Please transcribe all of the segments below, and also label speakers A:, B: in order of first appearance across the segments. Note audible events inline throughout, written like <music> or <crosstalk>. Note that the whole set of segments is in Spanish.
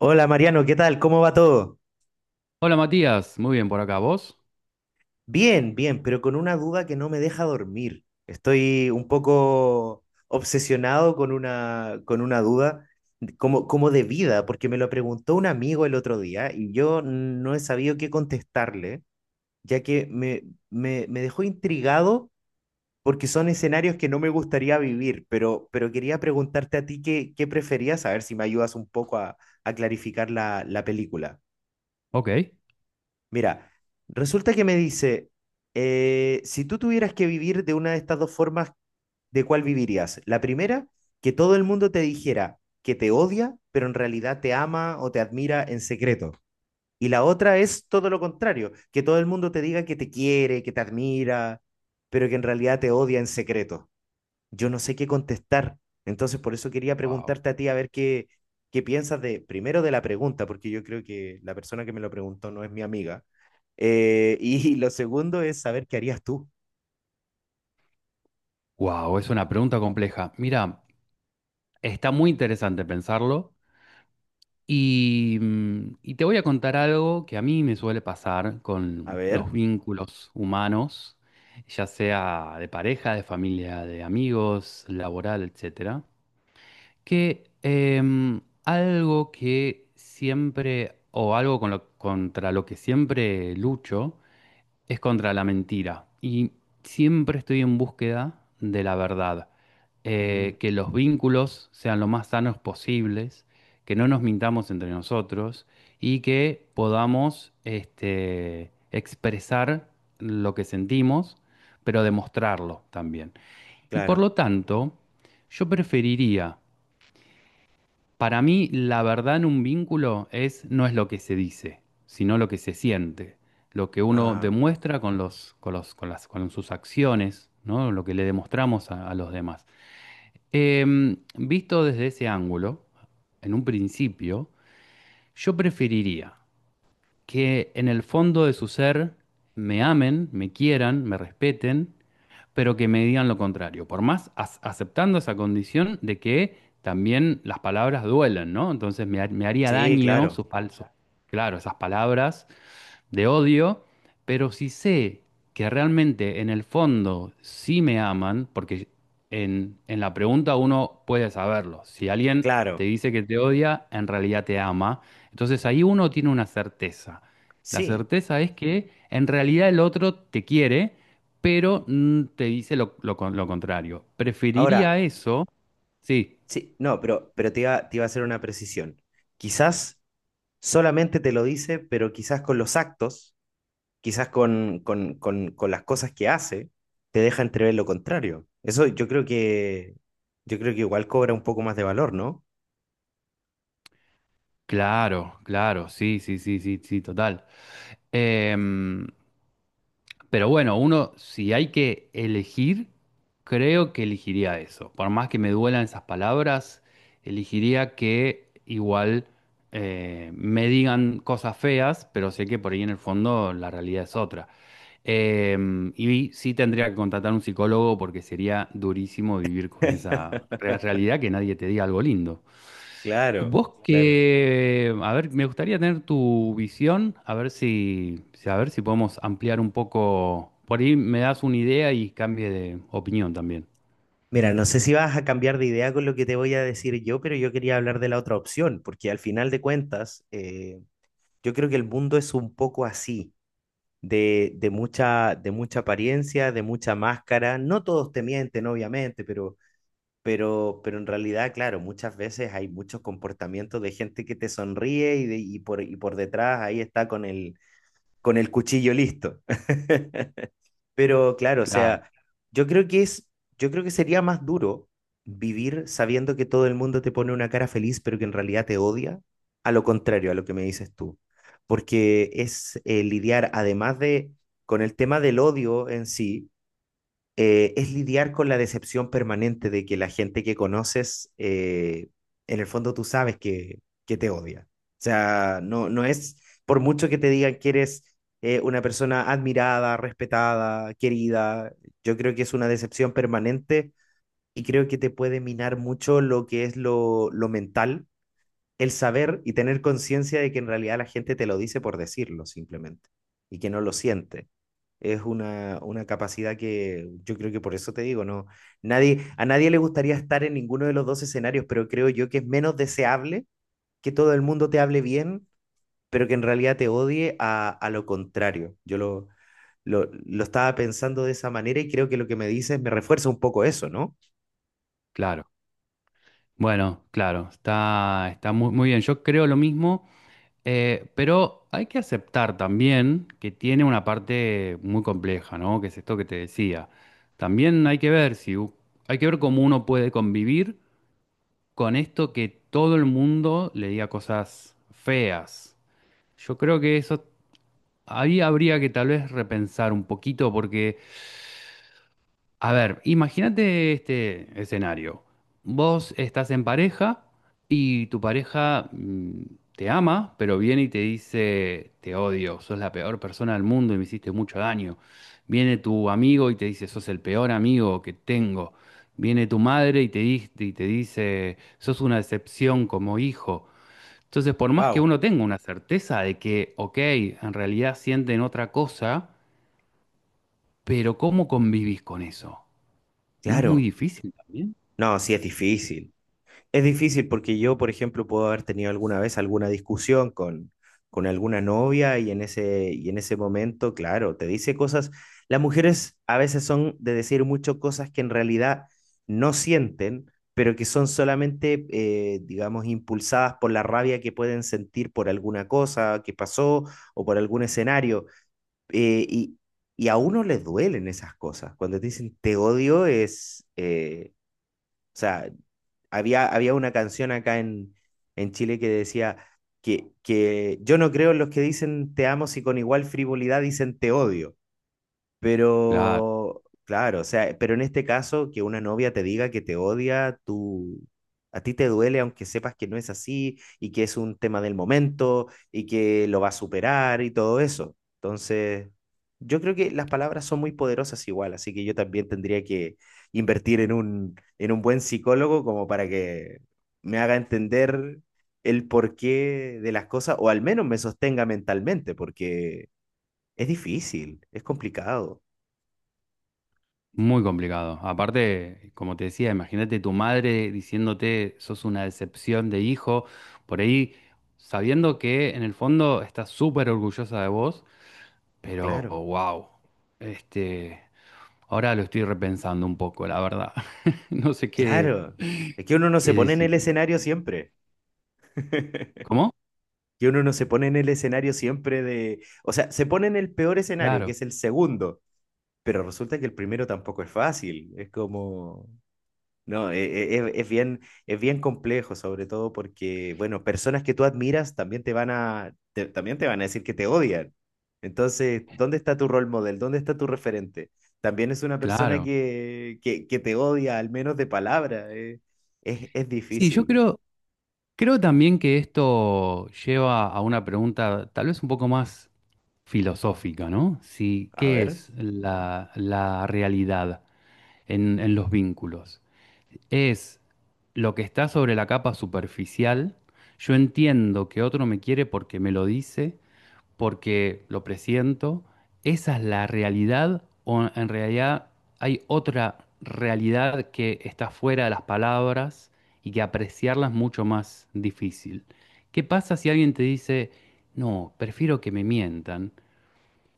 A: Hola Mariano, ¿qué tal? ¿Cómo va todo?
B: Hola Matías, muy bien por acá, ¿vos?
A: Bien, bien, pero con una duda que no me deja dormir. Estoy un poco obsesionado con una duda como de vida, porque me lo preguntó un amigo el otro día y yo no he sabido qué contestarle, ya que me dejó intrigado porque son escenarios que no me gustaría vivir, pero quería preguntarte a ti qué preferías, a ver si me ayudas un poco a clarificar la película.
B: Ok.
A: Mira, resulta que me dice, si tú tuvieras que vivir de una de estas dos formas, ¿de cuál vivirías? La primera, que todo el mundo te dijera que te odia, pero en realidad te ama o te admira en secreto. Y la otra es todo lo contrario, que todo el mundo te diga que te quiere, que te admira, pero que en realidad te odia en secreto. Yo no sé qué contestar. Entonces, por eso quería
B: Wow.
A: preguntarte a ti a ver qué piensas de, primero de la pregunta, porque yo creo que la persona que me lo preguntó no es mi amiga. <laughs> Y lo segundo es saber qué harías tú.
B: Wow, es una pregunta compleja. Mira, está muy interesante pensarlo y, y te voy a contar algo que a mí me suele pasar
A: A
B: con los
A: ver.
B: vínculos humanos, ya sea de pareja, de familia, de amigos, laboral, etcétera, que algo que siempre, o algo contra lo que siempre lucho, es contra la mentira. Y siempre estoy en búsqueda de la verdad.
A: Mm,
B: Que los vínculos sean lo más sanos posibles, que no nos mintamos entre nosotros y que podamos este, expresar lo que sentimos, pero demostrarlo también. Y por
A: claro.
B: lo tanto, yo preferiría para mí, la verdad en un vínculo es, no es lo que se dice, sino lo que se siente, lo que uno
A: Ah,
B: demuestra con los, con los, con las, con sus acciones, ¿no? Lo que le demostramos a los demás. Visto desde ese ángulo, en un principio, yo preferiría que en el fondo de su ser me amen, me quieran, me respeten, pero que me digan lo contrario. Por más aceptando esa condición de que también las palabras duelen, ¿no? Entonces me, me haría
A: sí,
B: daño
A: claro.
B: sus, sus- claro, esas palabras de odio, pero si sé que realmente en el fondo sí me aman, porque en la pregunta uno puede saberlo, si alguien te
A: Claro.
B: dice que te odia, en realidad te ama, entonces ahí uno tiene una certeza. La
A: Sí.
B: certeza es que en realidad el otro te quiere, pero te dice lo, lo contrario.
A: Ahora,
B: Preferiría eso, sí,
A: sí, no, pero, pero te iba a hacer una precisión. Quizás solamente te lo dice, pero quizás con los actos quizás con las cosas que hace, te deja entrever lo contrario. Eso yo creo que igual cobra un poco más de valor, ¿no?
B: claro, claro, sí, sí, sí, sí, sí, total. Em, Pero bueno, uno, si hay que elegir, creo que elegiría eso. Por más que me duelan esas palabras, elegiría que igual me digan cosas feas, pero sé que por ahí en el fondo la realidad es otra. Y sí tendría que contratar un psicólogo porque sería durísimo vivir con esa
A: <laughs>
B: realidad que nadie te diga algo lindo. Y
A: Claro,
B: vos
A: claro.
B: que, a ver, me gustaría tener tu visión, a ver si, a ver si podemos ampliar un poco. Por ahí me das una idea y cambie de opinión también.
A: Mira, no sé si vas a cambiar de idea con lo que te voy a decir yo, pero yo quería hablar de la otra opción, porque al final de cuentas, yo creo que el mundo es un poco así, de mucha apariencia, de mucha máscara. No todos te mienten, obviamente, pero en realidad, claro, muchas veces hay muchos comportamientos de gente que te sonríe y por detrás ahí está con con el cuchillo listo. <laughs> Pero claro, o
B: Claro,
A: sea, yo creo que es, yo creo que sería más duro vivir sabiendo que todo el mundo te pone una cara feliz, pero que en realidad te odia, a lo contrario a lo que me dices tú. Porque es lidiar, además de con el tema del odio en sí, es lidiar con la decepción permanente de que la gente que conoces, en el fondo tú sabes que te odia. O sea, no, no es por mucho que te digan que eres una persona admirada, respetada, querida, yo creo que es una decepción permanente y creo que te puede minar mucho lo que es lo mental el saber y tener conciencia de que en realidad la gente te lo dice por decirlo simplemente y que no lo siente. Es una capacidad que yo creo que por eso te digo, no, nadie, a nadie le gustaría estar en ninguno de los dos escenarios, pero creo yo que es menos deseable que todo el mundo te hable bien, pero que en realidad te odie a lo contrario. Yo lo estaba pensando de esa manera y creo que lo que me dices me refuerza un poco eso, ¿no?
B: claro. Bueno, claro, está, está muy, muy bien. Yo creo lo mismo, pero hay que aceptar también que tiene una parte muy compleja, ¿no? Que es esto que te decía. También hay que ver si hay que ver cómo uno puede convivir con esto que todo el mundo le diga cosas feas. Yo creo que eso ahí habría que tal vez repensar un poquito porque, a ver, imagínate este escenario. Vos estás en pareja y tu pareja te ama, pero viene y te dice, te odio, sos la peor persona del mundo y me hiciste mucho daño. Viene tu amigo y te dice, sos el peor amigo que tengo. Viene tu madre y te, y te dice, sos una decepción como hijo. Entonces, por más que
A: Wow,
B: uno tenga una certeza de que, ok, en realidad sienten otra cosa, pero ¿cómo convivís con eso? ¿No es muy
A: claro.
B: difícil también?
A: No, sí es difícil. Es difícil porque yo, por ejemplo, puedo haber tenido alguna vez alguna discusión con alguna novia y en ese momento, claro, te dice cosas. Las mujeres a veces son de decir mucho cosas que en realidad no sienten, pero que son solamente, digamos, impulsadas por la rabia que pueden sentir por alguna cosa que pasó o por algún escenario. Eh, y, y a uno les duelen esas cosas. Cuando te dicen te odio es... sea, había una canción acá en Chile que decía que yo no creo en los que dicen te amo si con igual frivolidad dicen te odio.
B: Claro,
A: Pero, claro, o sea, pero en este caso, que una novia te diga que te odia, tú, a ti te duele aunque sepas que no es así y que es un tema del momento y que lo va a superar y todo eso. Entonces, yo creo que las palabras son muy poderosas igual, así que yo también tendría que invertir en en un buen psicólogo como para que me haga entender el porqué de las cosas o al menos me sostenga mentalmente, porque es difícil, es complicado.
B: muy complicado. Aparte, como te decía, imagínate tu madre diciéndote sos una decepción de hijo, por ahí sabiendo que en el fondo estás súper orgullosa de vos, pero
A: Claro,
B: wow, este, ahora lo estoy repensando un poco, la verdad. <laughs> No sé qué,
A: claro. Es que uno no se
B: qué
A: pone en el
B: decidí.
A: escenario siempre. <laughs>
B: ¿Cómo?
A: Que uno no se pone en el escenario siempre de... O sea, se pone en el peor escenario, que
B: Claro,
A: es el segundo, pero resulta que el primero tampoco es fácil. Es como... No, bien, es bien complejo, sobre todo porque, bueno, personas que tú admiras también te van también te van a decir que te odian. Entonces, ¿dónde está tu role model? ¿Dónde está tu referente? También es una persona
B: claro.
A: que te odia, al menos de palabra. Es
B: Sí, yo
A: difícil.
B: creo, creo también que esto lleva a una pregunta tal vez un poco más filosófica, ¿no? Si,
A: A
B: ¿qué
A: ver,
B: es la, la realidad en los vínculos? ¿Es lo que está sobre la capa superficial? Yo entiendo que otro me quiere porque me lo dice, porque lo presiento, esa es la realidad o en realidad hay otra realidad que está fuera de las palabras y que apreciarla es mucho más difícil. ¿Qué pasa si alguien te dice, no, prefiero que me mientan,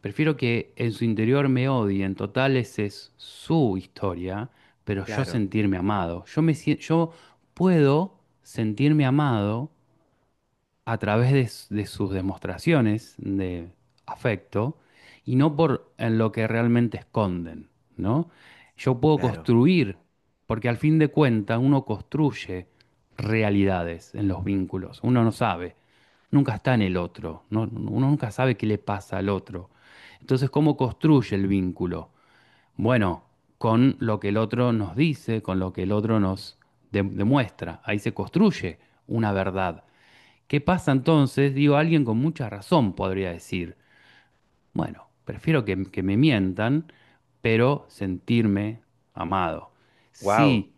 B: prefiero que en su interior me odien, total esa es su historia, pero yo
A: claro,
B: sentirme amado, yo yo puedo sentirme amado a través de, de sus demostraciones de afecto y no por en lo que realmente esconden, ¿no? Yo puedo
A: claro.
B: construir, porque al fin de cuentas uno construye realidades en los vínculos, uno no sabe, nunca está en el otro, uno nunca sabe qué le pasa al otro. Entonces, ¿cómo construye el vínculo? Bueno, con lo que el otro nos dice, con lo que el otro nos demuestra, ahí se construye una verdad. ¿Qué pasa entonces? Digo, alguien con mucha razón podría decir, bueno, prefiero que me mientan, pero sentirme amado.
A: Wow.
B: Si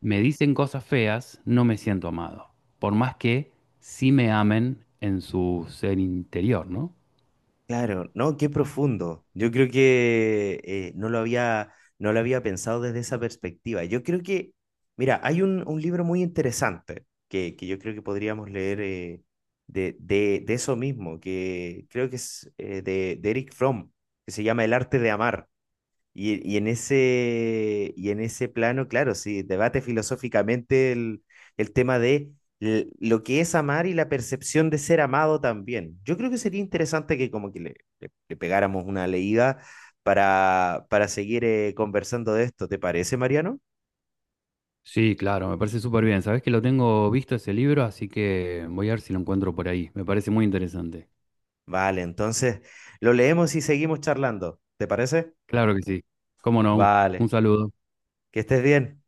B: me dicen cosas feas, no me siento amado, por más que sí me amen en su ser interior, ¿no?
A: Claro, no, qué profundo. Yo creo que no lo había pensado desde esa perspectiva. Yo creo que, mira, hay un libro muy interesante que yo creo que podríamos leer de eso mismo, que creo que es de Eric Fromm, que se llama El arte de amar. Y en ese plano, claro, sí, debate filosóficamente el tema de lo que es amar y la percepción de ser amado también. Yo creo que sería interesante que como que le pegáramos una leída para seguir conversando de esto. ¿Te parece, Mariano?
B: Sí, claro, me parece súper bien. Sabés que lo tengo visto ese libro, así que voy a ver si lo encuentro por ahí. Me parece muy interesante.
A: Vale, entonces lo leemos y seguimos charlando. ¿Te parece?
B: Claro que sí. ¿Cómo no?
A: Vale,
B: Un saludo.
A: que estés bien.